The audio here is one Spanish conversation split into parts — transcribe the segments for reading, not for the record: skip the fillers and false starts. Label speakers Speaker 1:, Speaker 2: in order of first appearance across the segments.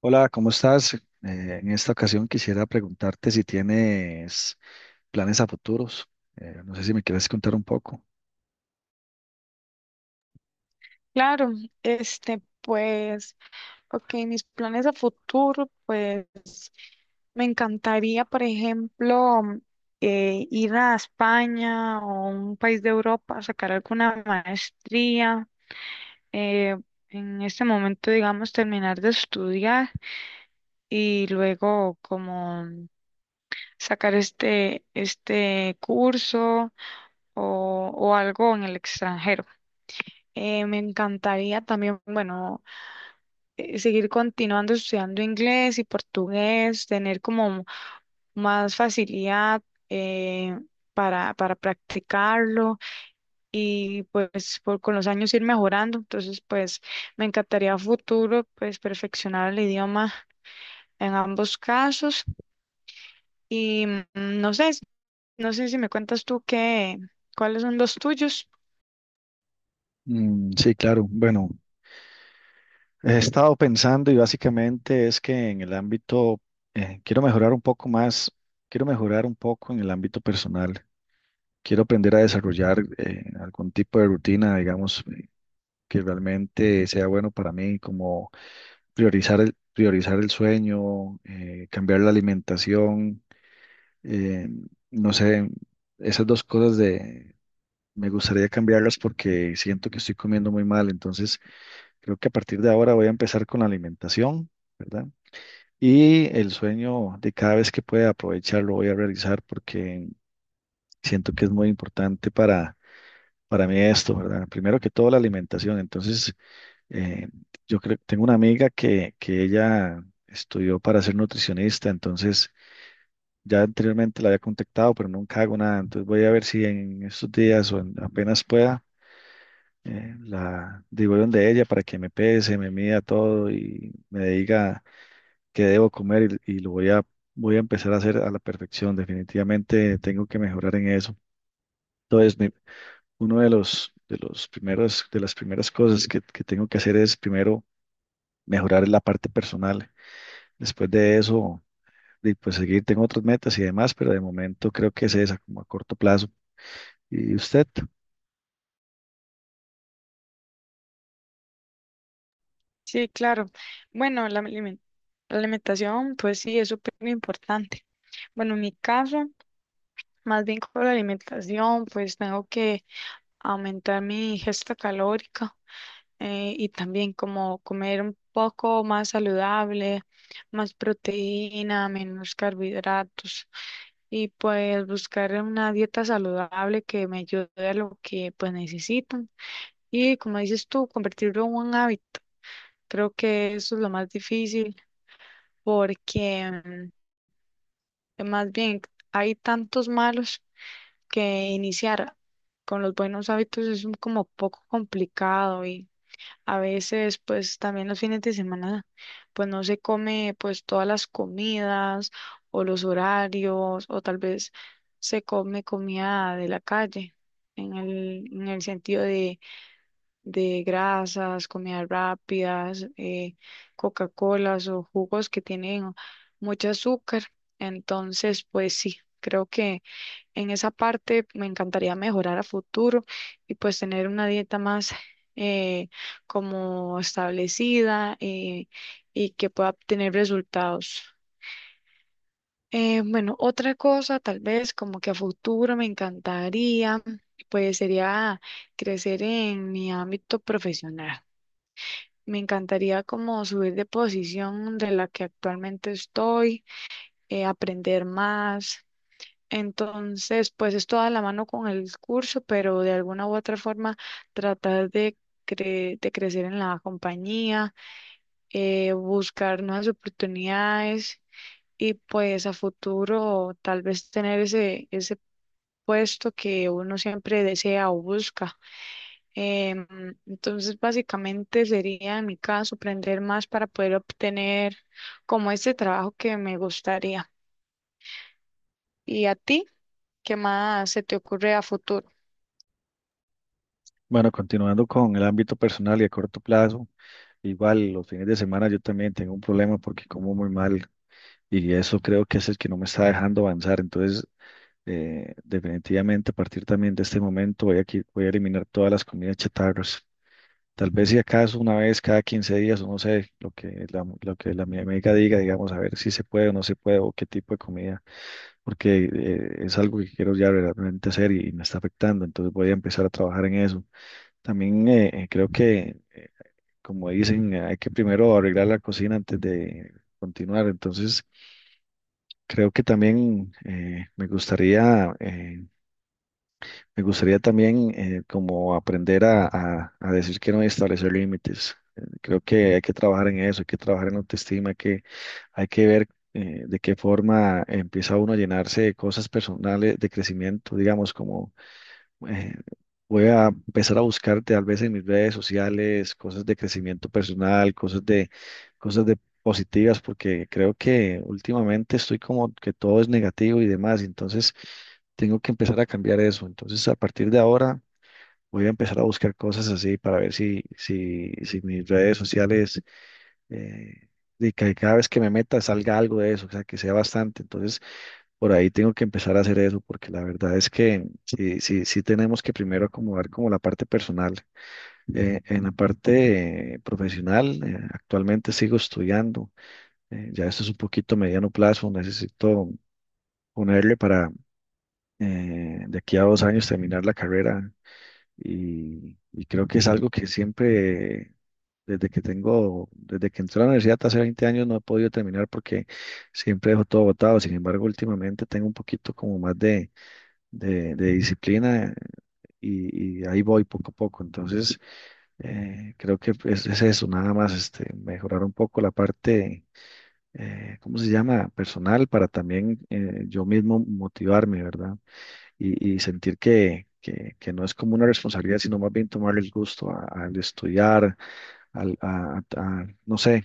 Speaker 1: Hola, ¿cómo estás? En esta ocasión quisiera preguntarte si tienes planes a futuros. No sé si me quieres contar un poco.
Speaker 2: Claro, este, pues, ok, mis planes a futuro, pues, me encantaría, por ejemplo, ir a España o un país de Europa a sacar alguna maestría. eh, en este momento, digamos, terminar de estudiar y luego como sacar este curso o algo en el extranjero. Me encantaría también. Bueno, seguir continuando estudiando inglés y portugués, tener como más facilidad, eh, para practicarlo y pues por, con los años ir mejorando. Entonces, pues me encantaría a futuro pues perfeccionar el idioma en ambos casos. y mm, no sé, no sé si me cuentas tú qué, cuáles son los tuyos.
Speaker 1: Sí, claro. Bueno, he estado pensando y básicamente es que en el ámbito, quiero mejorar un poco más, quiero mejorar un poco en el ámbito personal. Quiero aprender a desarrollar algún tipo de rutina, digamos, que realmente sea bueno para mí, como priorizar el sueño, cambiar la alimentación. Eh, no sé, esas dos cosas de me gustaría cambiarlas porque siento que estoy comiendo muy mal, entonces creo que a partir de ahora voy a empezar con la alimentación, ¿verdad? Y el sueño de cada vez que pueda aprovechar lo voy a realizar porque siento que es muy importante para mí esto, ¿verdad? Primero que todo la alimentación, entonces eh, yo creo tengo una amiga que ella estudió para ser nutricionista, entonces ya anteriormente la había contactado, pero nunca hago nada. Entonces voy a ver si en estos días o apenas pueda, la digo de ella para que me pese, me mida todo y me diga qué debo comer y voy a empezar a hacer a la perfección. Definitivamente tengo que mejorar en eso. Entonces, uno de los, de las primeras cosas que tengo que hacer es primero mejorar la parte personal. Después de eso, y, pues seguir, tengo otras metas y demás, pero de momento creo que es esa, como a corto plazo. Y usted,
Speaker 2: Sí, claro. Bueno, la la alimentación, pues sí, es súper importante. Bueno, en mi caso, más bien con la alimentación, pues tengo que aumentar mi ingesta calórica, y también como comer un poco más saludable, más proteína, menos carbohidratos y pues buscar una dieta saludable que me ayude a lo que pues necesitan. Y como dices tú, convertirlo en un hábito. Creo que eso es lo más difícil porque, más bien, hay tantos malos que iniciar con los buenos hábitos es como poco complicado. Y a veces pues también los fines de semana pues no se come pues todas las comidas o los horarios, o tal vez se come comida de la calle en el sentido de grasas, comidas rápidas, Coca-Colas o jugos que tienen mucho azúcar. Entonces pues sí, creo que en esa parte me encantaría mejorar a futuro y pues tener una dieta más, eh, como establecida, y que pueda obtener resultados. Bueno, otra cosa tal vez como que a futuro me encantaría, pues sería crecer en mi ámbito profesional. Me encantaría como subir de posición de la que actualmente estoy, aprender más. Entonces, pues es toda la mano con el curso, pero de alguna u otra forma tratar de, de crecer en la compañía, buscar nuevas oportunidades y pues a futuro tal vez tener ese puesto que uno siempre desea o busca. Em, entonces, básicamente sería en mi caso aprender más para poder obtener como este trabajo que me gustaría. ¿Y a ti? ¿Qué más se te ocurre a futuro?
Speaker 1: bueno, continuando con el ámbito personal y a corto plazo, igual los fines de semana yo también tengo un problema porque como muy mal y eso creo que es el que no me está dejando avanzar. Entonces, definitivamente a partir también de este momento voy a eliminar todas las comidas chatarras. Tal vez si acaso una vez cada 15 días o no sé, lo que la mi amiga diga, digamos, a ver si se puede o no se puede o qué tipo de comida, porque es algo que quiero ya realmente hacer y me está afectando. Entonces voy a empezar a trabajar en eso. También creo que, como dicen, hay que primero arreglar la cocina antes de continuar. Entonces, creo que también me gustaría también como aprender a decir que no y establecer límites. Creo que hay que trabajar en eso, hay que trabajar en la autoestima, hay que ver de qué forma empieza uno a llenarse de cosas personales, de crecimiento, digamos, como eh, voy a empezar a buscar tal vez en mis redes sociales cosas de crecimiento personal, cosas de positivas, porque creo que últimamente estoy como que todo es negativo y demás, entonces tengo que empezar a cambiar eso. Entonces, a partir de ahora voy a empezar a buscar cosas así para ver si mis redes sociales, eh, de que cada vez que me meta salga algo de eso, o sea, que sea bastante. Entonces, por ahí tengo que empezar a hacer eso, porque la verdad es que sí tenemos que primero acomodar como la parte personal. En la parte profesional, actualmente sigo estudiando. Ya esto es un poquito mediano plazo, necesito ponerle para de aquí a 2 años terminar la carrera y creo que es algo que siempre, desde que tengo, desde que entré a la universidad hace 20 años, no he podido terminar porque siempre dejo todo botado. Sin embargo, últimamente tengo un poquito como más de de disciplina y ahí voy poco a poco. Entonces, creo que es eso, nada más este, mejorar un poco la parte, ¿cómo se llama? Personal para también yo mismo motivarme, ¿verdad? Y sentir que no es como una responsabilidad, sino más bien tomarle el gusto al estudiar, al, a- no sé.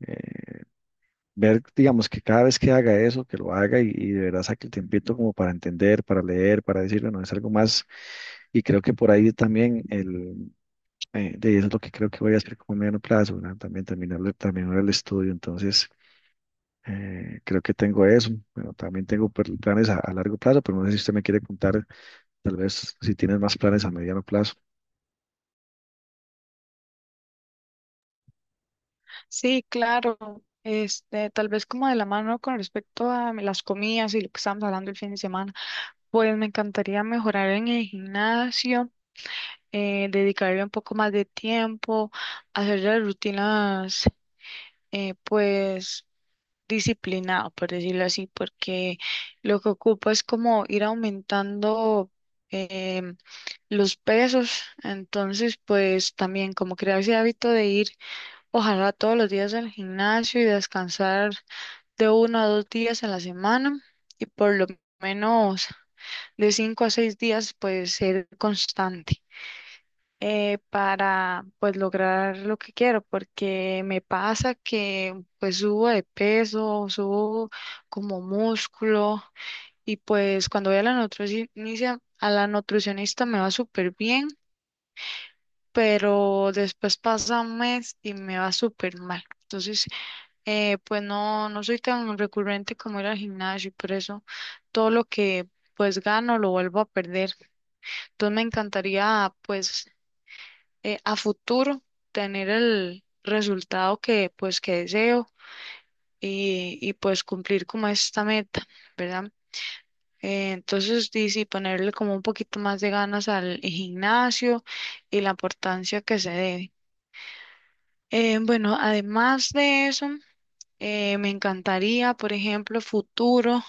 Speaker 1: eh, Ver, digamos, que cada vez que haga eso, que lo haga y de verdad saque el tiempito como para entender, para leer, para decir, bueno, es algo más. Y creo que por ahí también de eso es lo que creo que voy a hacer como a mediano plazo, ¿verdad? También terminar el estudio. Entonces, creo que tengo eso. Bueno, también tengo planes a largo plazo, pero no sé si usted me quiere contar, tal vez, si tienes más planes a mediano plazo.
Speaker 2: Sí, claro. Este, tal vez como de la mano con respecto a las comidas y lo que estábamos hablando el fin de semana, pues me encantaría mejorar en el gimnasio, dedicarle un poco más de tiempo, hacer las rutinas, pues disciplinado, por decirlo así, porque lo que ocupo es como ir aumentando, em, los pesos. Entonces pues también como crear ese hábito de ir ojalá todos los días al gimnasio y descansar de uno a dos días a la semana y por lo menos de cinco a seis días pues ser constante, para pues lograr lo que quiero, porque me pasa que pues subo de peso, subo como músculo y pues cuando voy a la nutricionista me va súper bien, pero después pasa un mes y me va súper mal. Entonces pues no, no soy tan recurrente como ir al gimnasio y por eso todo lo que pues gano lo vuelvo a perder. Entonces me encantaría pues, a futuro tener el resultado que pues que deseo, y pues cumplir como esta meta, ¿verdad? Entonces sí, ponerle como un poquito más de ganas al gimnasio y la importancia que se debe. Bueno, además de eso, me encantaría, por ejemplo, futuro,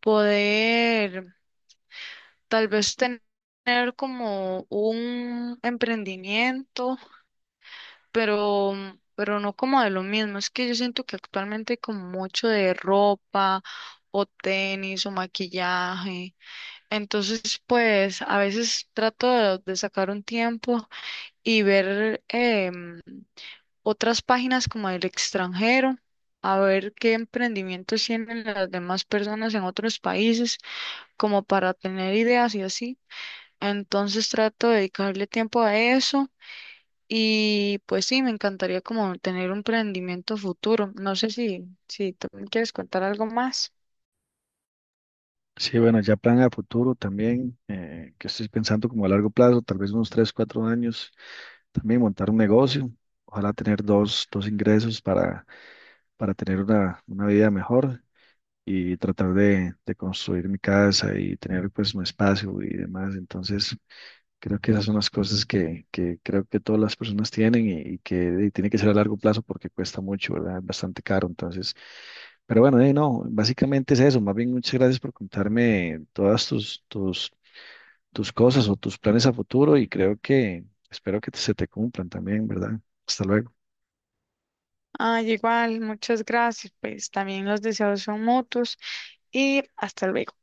Speaker 2: poder tal vez tener como un emprendimiento, pero, pero no como de lo mismo. Es que yo siento que actualmente hay como mucho de ropa o tenis o maquillaje. Entonces, pues a veces trato de sacar un tiempo y ver, otras páginas como del extranjero, a ver qué emprendimientos tienen las demás personas en otros países, como para tener ideas y así. Entonces trato de dedicarle tiempo a eso y pues sí, me encantaría como tener un emprendimiento futuro. No sé si, si tú me quieres contar algo más.
Speaker 1: Sí, bueno, ya plan a futuro también, que estoy pensando como a largo plazo, tal vez unos 3 o 4 años también montar un negocio, ojalá tener dos, dos ingresos para tener una vida mejor y tratar de construir mi casa y tener pues mi espacio y demás. Entonces, creo que esas son las cosas que creo que todas las personas tienen y que tiene que ser a largo plazo porque cuesta mucho, ¿verdad? Es bastante caro. Entonces, pero bueno, no, básicamente es eso. Más bien, muchas gracias por contarme todas tus, tus, tus cosas o tus planes a futuro y creo que espero que se te cumplan también, ¿verdad? Hasta luego.
Speaker 2: Ay, igual, muchas gracias. Pues también los deseos son mutuos y hasta luego.